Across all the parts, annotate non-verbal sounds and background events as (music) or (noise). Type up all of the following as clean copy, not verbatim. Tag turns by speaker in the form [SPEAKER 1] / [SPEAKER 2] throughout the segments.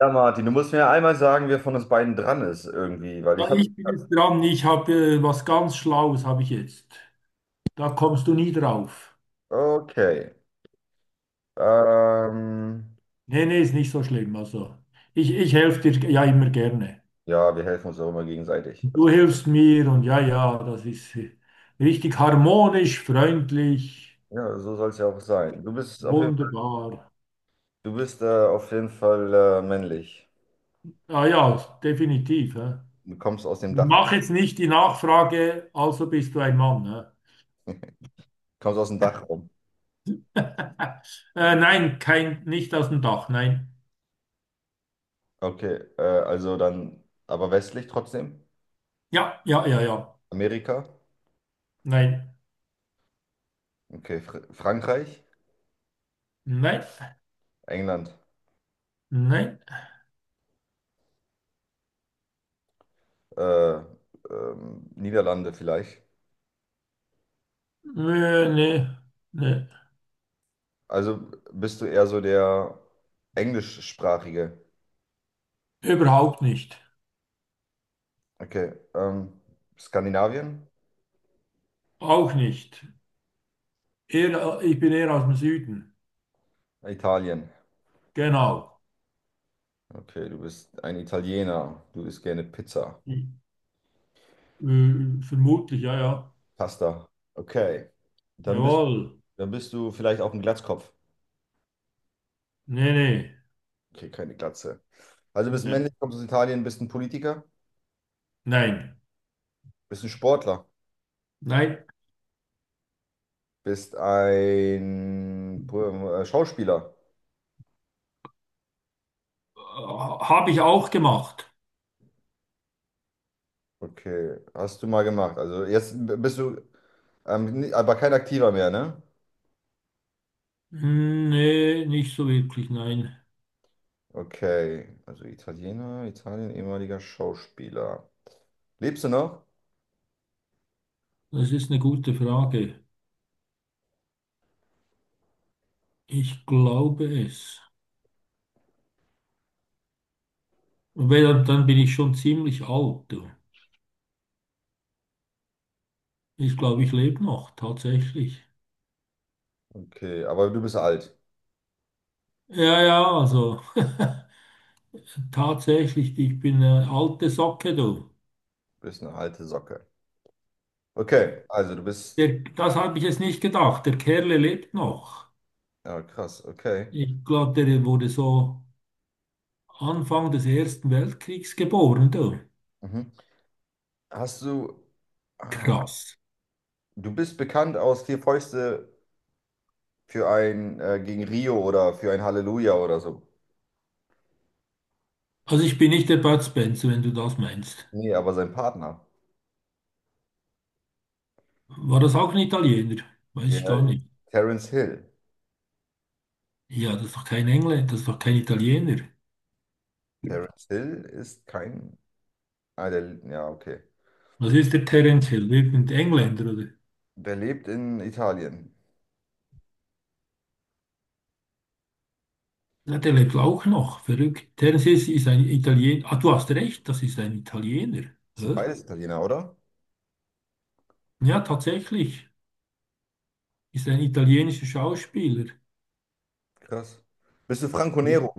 [SPEAKER 1] Ja, Martin, du musst mir ja einmal sagen, wer von uns beiden dran ist irgendwie, weil
[SPEAKER 2] Ja,
[SPEAKER 1] ich habe.
[SPEAKER 2] ich bin jetzt dran. Ich habe was ganz Schlaues habe ich jetzt. Da kommst du nie drauf.
[SPEAKER 1] Okay. Ähm,
[SPEAKER 2] Nee, nee, ist nicht so schlimm. Also, ich helfe dir ja immer gerne.
[SPEAKER 1] ja, wir helfen uns auch immer gegenseitig.
[SPEAKER 2] Du
[SPEAKER 1] Das,
[SPEAKER 2] hilfst mir und ja, ja, das ist richtig harmonisch, freundlich,
[SPEAKER 1] ja, so soll es ja auch sein. Du bist auf jeden Fall,
[SPEAKER 2] wunderbar.
[SPEAKER 1] du bist auf jeden Fall männlich.
[SPEAKER 2] Ah ja, definitiv. Hä?
[SPEAKER 1] Du kommst aus dem Dachraum.
[SPEAKER 2] Mach jetzt nicht die Nachfrage, also bist du ein Mann. Hä?
[SPEAKER 1] Kommst aus dem Dachraum.
[SPEAKER 2] (laughs) Nein, kein, nicht aus dem Dach, nein.
[SPEAKER 1] Okay. Also dann, aber westlich trotzdem?
[SPEAKER 2] Ja, ja, ja, ja.
[SPEAKER 1] Amerika?
[SPEAKER 2] Nein,
[SPEAKER 1] Okay. Fr Frankreich?
[SPEAKER 2] nein,
[SPEAKER 1] England?
[SPEAKER 2] nein.
[SPEAKER 1] Äh, Niederlande vielleicht?
[SPEAKER 2] Nee, nee, nee.
[SPEAKER 1] Also bist du eher so der englischsprachige?
[SPEAKER 2] Überhaupt nicht.
[SPEAKER 1] Okay, Skandinavien?
[SPEAKER 2] Auch nicht. Eher, ich bin eher aus dem Süden.
[SPEAKER 1] Italien.
[SPEAKER 2] Genau.
[SPEAKER 1] Okay, du bist ein Italiener. Du isst gerne Pizza,
[SPEAKER 2] Vermutlich, ja, ja.
[SPEAKER 1] Pasta. Okay, dann bist,
[SPEAKER 2] Jawohl.
[SPEAKER 1] dann bist du vielleicht auch ein Glatzkopf.
[SPEAKER 2] Nee, nee.
[SPEAKER 1] Okay, keine Glatze. Also bist
[SPEAKER 2] Nee.
[SPEAKER 1] männlich, kommst aus Italien, bist ein Politiker,
[SPEAKER 2] Nein.
[SPEAKER 1] bist ein Sportler,
[SPEAKER 2] Nein.
[SPEAKER 1] bist ein Schauspieler.
[SPEAKER 2] Habe ich auch gemacht.
[SPEAKER 1] Okay, hast du mal gemacht. Also jetzt bist du, aber kein Aktiver mehr, ne?
[SPEAKER 2] Hm, nee, nicht so wirklich, nein.
[SPEAKER 1] Okay, also Italiener, Italien, ehemaliger Schauspieler. Lebst du noch?
[SPEAKER 2] Das ist eine gute Frage. Ich glaube es. Weil dann bin ich schon ziemlich alt, du. Ich glaube, ich lebe noch, tatsächlich.
[SPEAKER 1] Okay, aber du bist alt.
[SPEAKER 2] Ja, ja, also. (laughs) Tatsächlich, ich bin eine alte Socke, du.
[SPEAKER 1] Du bist eine alte Socke. Okay, also du bist.
[SPEAKER 2] Der, das habe ich jetzt nicht gedacht. Der Kerle lebt noch.
[SPEAKER 1] Ja, krass, okay.
[SPEAKER 2] Ich glaube, der wurde so Anfang des Ersten Weltkriegs geboren, du.
[SPEAKER 1] Mhm. Hast du. Ah,
[SPEAKER 2] Krass.
[SPEAKER 1] du bist bekannt aus Vier Fäuste für ein gegen Rio oder für ein Halleluja oder so.
[SPEAKER 2] Also ich bin nicht der Bud Spencer, wenn du das meinst.
[SPEAKER 1] Nee, aber sein Partner.
[SPEAKER 2] War das auch ein Italiener? Weiß ich
[SPEAKER 1] Der
[SPEAKER 2] gar
[SPEAKER 1] ist
[SPEAKER 2] nicht.
[SPEAKER 1] Terence Hill.
[SPEAKER 2] Ja, das ist doch kein Engländer, das ist doch kein Italiener.
[SPEAKER 1] Terence Hill ist kein. Ah, der, ja, okay.
[SPEAKER 2] Was ist der Terence Hill? Irgendein Engländer, oder?
[SPEAKER 1] Der lebt in Italien.
[SPEAKER 2] Ja, der lebt auch noch. Verrückt. Terence Hill ist ein Italiener. Ah, du hast recht, das ist ein Italiener.
[SPEAKER 1] Das sind
[SPEAKER 2] Hä?
[SPEAKER 1] beides Italiener, oder?
[SPEAKER 2] Ja, tatsächlich ist ein italienischer Schauspieler.
[SPEAKER 1] Krass. Bist du Franco
[SPEAKER 2] Ja.
[SPEAKER 1] Nero?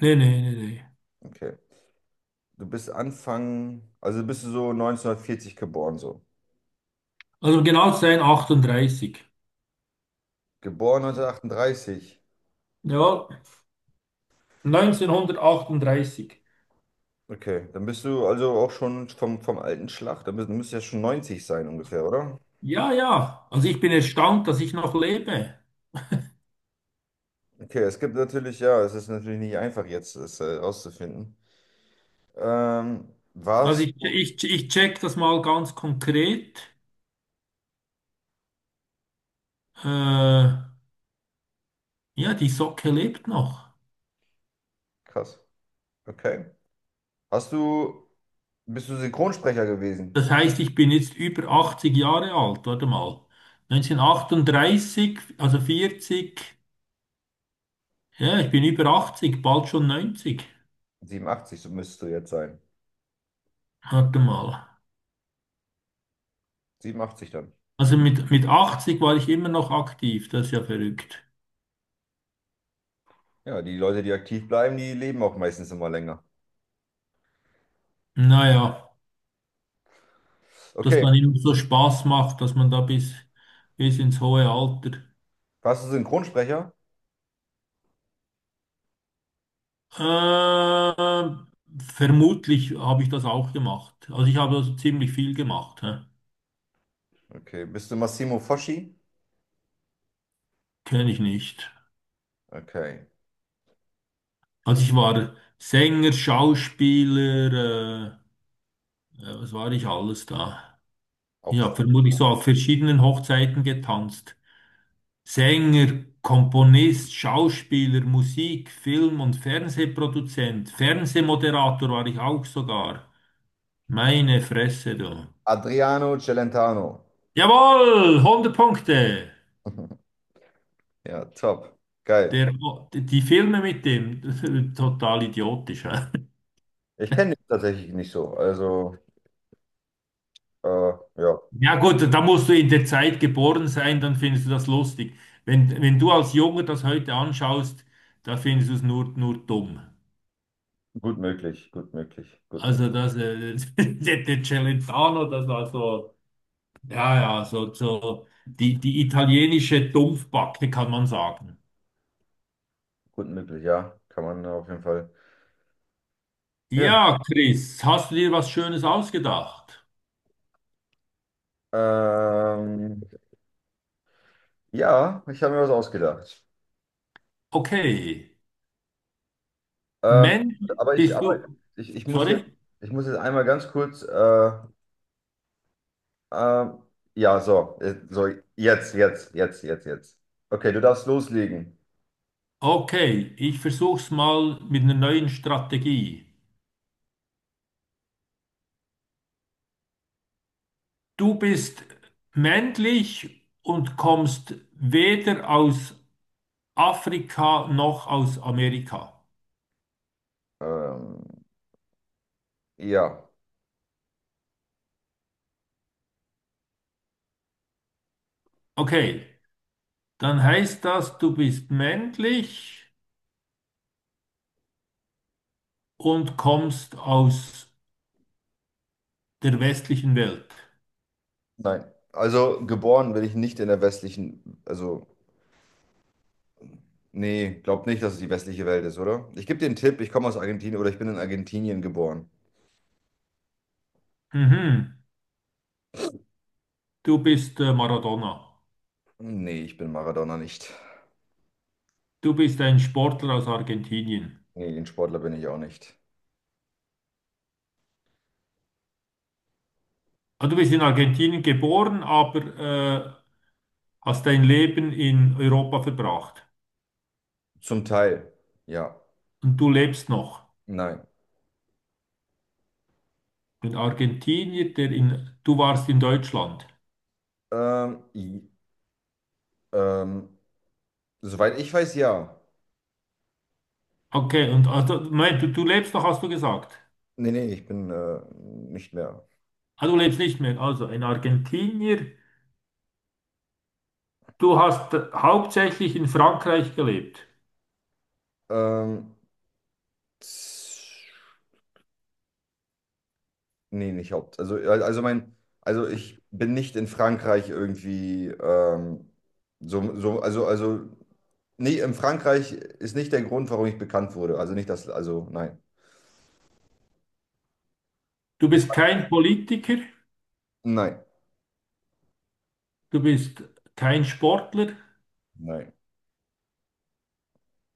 [SPEAKER 2] Nee, nee, nee, nee.
[SPEAKER 1] Okay. Du bist Anfang, also bist du so 1940 geboren, so.
[SPEAKER 2] Also um genau zu sein, 38.
[SPEAKER 1] Geboren 1938.
[SPEAKER 2] Ja, neunzehnhundertachtunddreißig.
[SPEAKER 1] Okay, dann bist du also auch schon vom, vom alten Schlag. Dann bist, du müsstest ja schon 90 sein ungefähr, oder?
[SPEAKER 2] Ja, ja. Also ich bin erstaunt, dass ich noch lebe.
[SPEAKER 1] Okay, es gibt natürlich, ja, es ist natürlich nicht einfach jetzt, es rauszufinden. Ähm,
[SPEAKER 2] Also
[SPEAKER 1] Warst,
[SPEAKER 2] ich check das mal ganz konkret. Äh, ja, die Socke lebt noch.
[SPEAKER 1] krass, okay. Hast du, bist du Synchronsprecher gewesen?
[SPEAKER 2] Das heißt, ich bin jetzt über 80 Jahre alt. Warte mal. Neunzehnhundertachtunddreißig, also 40. Ja, ich bin über 80, bald schon neunzig.
[SPEAKER 1] 87, so müsstest du jetzt sein.
[SPEAKER 2] Warte mal.
[SPEAKER 1] 87 dann.
[SPEAKER 2] Also mit 80 war ich immer noch aktiv, das ist ja verrückt.
[SPEAKER 1] Ja, die Leute, die aktiv bleiben, die leben auch meistens immer länger.
[SPEAKER 2] Naja, dass
[SPEAKER 1] Okay,
[SPEAKER 2] dann immer so Spaß macht, dass man da bis ins hohe Alter.
[SPEAKER 1] warst du Synchronsprecher?
[SPEAKER 2] Ähm, Vermutlich habe ich das auch gemacht. Also ich habe also ziemlich viel gemacht, hä?
[SPEAKER 1] Okay. Bist du Massimo Foschi?
[SPEAKER 2] Kenne ich nicht.
[SPEAKER 1] Okay.
[SPEAKER 2] Also ich war Sänger, Schauspieler, ja, was war ich alles da? Ich
[SPEAKER 1] Auch
[SPEAKER 2] habe vermutlich so auf verschiedenen Hochzeiten getanzt. Sänger, Komponist, Schauspieler, Musik, Film- und Fernsehproduzent, Fernsehmoderator war ich auch sogar. Meine Fresse, du.
[SPEAKER 1] Adriano Celentano.
[SPEAKER 2] Jawohl, hundert Punkte.
[SPEAKER 1] (laughs) Ja, top. Geil.
[SPEAKER 2] Der, die Filme mit dem, (laughs) total idiotisch. Hä?
[SPEAKER 1] Ich kenne dich tatsächlich nicht so. Also, äh, ja,
[SPEAKER 2] Ja gut, da musst du in der Zeit geboren sein, dann findest du das lustig. Wenn du als Junge das heute anschaust, da findest du es nur dumm.
[SPEAKER 1] gut möglich, gut möglich, gut
[SPEAKER 2] Also
[SPEAKER 1] möglich,
[SPEAKER 2] das, (laughs) der Celentano, das war so. Ja, ja, so, so die italienische Dumpfbacke kann man sagen.
[SPEAKER 1] gut möglich, ja. Kann man auf jeden Fall. Ja.
[SPEAKER 2] Ja, Chris, hast du dir was Schönes ausgedacht?
[SPEAKER 1] Ähm, ja, ich habe mir was ausgedacht.
[SPEAKER 2] Okay.
[SPEAKER 1] Ähm,
[SPEAKER 2] Mensch, bist
[SPEAKER 1] aber
[SPEAKER 2] du.
[SPEAKER 1] ich,
[SPEAKER 2] Sorry?
[SPEAKER 1] ich muss jetzt einmal ganz kurz, äh, ja, so, so, jetzt, jetzt, jetzt, jetzt, jetzt. Okay, du darfst loslegen.
[SPEAKER 2] Okay, ich versuch's mal mit einer neuen Strategie. Du bist männlich und kommst weder aus Afrika noch aus Amerika.
[SPEAKER 1] Ähm, ja,
[SPEAKER 2] Okay, dann heißt das, du bist männlich und kommst aus der westlichen Welt.
[SPEAKER 1] nein. Also geboren bin ich nicht in der westlichen, also nee, glaub nicht, dass es die westliche Welt ist, oder? Ich gebe dir einen Tipp, ich komme aus Argentinien oder ich bin in Argentinien geboren.
[SPEAKER 2] Mhm. Du bist Maradona.
[SPEAKER 1] Nee, ich bin Maradona nicht.
[SPEAKER 2] Du bist ein Sportler aus Argentinien.
[SPEAKER 1] Nee, ein Sportler bin ich auch nicht.
[SPEAKER 2] Ah, du bist in Argentinien geboren, aber hast dein Leben in Europa verbracht.
[SPEAKER 1] Zum Teil, ja.
[SPEAKER 2] Und du lebst noch.
[SPEAKER 1] Nein.
[SPEAKER 2] Ein Argentinier, der in, du warst in Deutschland.
[SPEAKER 1] Ähm, i- ähm, soweit ich weiß, ja.
[SPEAKER 2] Okay, und also, Moment, du lebst noch, hast du gesagt.
[SPEAKER 1] Nee, nee, ich bin nicht mehr.
[SPEAKER 2] Ah, du lebst nicht mehr. Also, ein Argentinier, du hast hauptsächlich in Frankreich gelebt.
[SPEAKER 1] Ähm, Nee, nicht Haupt. Also mein, also ich bin nicht in Frankreich irgendwie so, so, also, nee, in Frankreich ist nicht der Grund, warum ich bekannt wurde. Also nicht das, also nein.
[SPEAKER 2] Du
[SPEAKER 1] Das
[SPEAKER 2] bist
[SPEAKER 1] war,
[SPEAKER 2] kein Politiker,
[SPEAKER 1] nein,
[SPEAKER 2] du bist kein Sportler.
[SPEAKER 1] nein.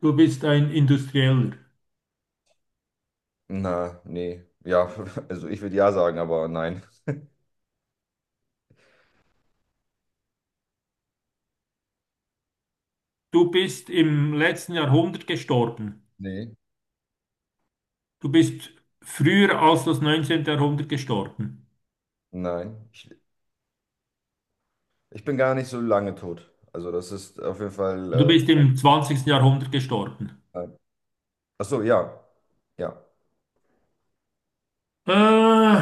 [SPEAKER 2] Du bist ein Industrieller.
[SPEAKER 1] Na, nee. Ja, (laughs) also ich würde ja sagen, aber nein.
[SPEAKER 2] Du bist im letzten Jahrhundert gestorben.
[SPEAKER 1] Nee,
[SPEAKER 2] Du bist früher als das 19. Jahrhundert gestorben.
[SPEAKER 1] nein. Ich bin gar nicht so lange tot. Also das ist auf jeden Fall,
[SPEAKER 2] Du bist im zwanzigsten Jahrhundert gestorben.
[SPEAKER 1] nein. Ach so, ja. Ja,
[SPEAKER 2] Äh,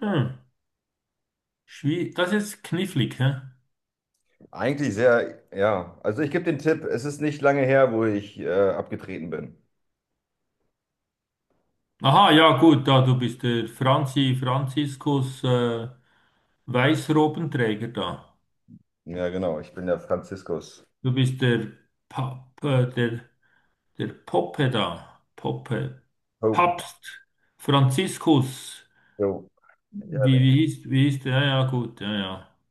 [SPEAKER 2] hm, Schwie- das ist knifflig, hä?
[SPEAKER 1] eigentlich sehr, ja. Also ich gebe den Tipp, es ist nicht lange her, wo ich abgetreten bin.
[SPEAKER 2] Aha, ja gut, da du bist der Franziskus Weißrobenträger da.
[SPEAKER 1] Ja, genau. Ich bin der Franziskus.
[SPEAKER 2] Du bist der der, der Poppe da. Poppe.
[SPEAKER 1] Ho,
[SPEAKER 2] Papst Franziskus.
[SPEAKER 1] ho.
[SPEAKER 2] Wie hieß der? Ja, ja, gut, ja, ja.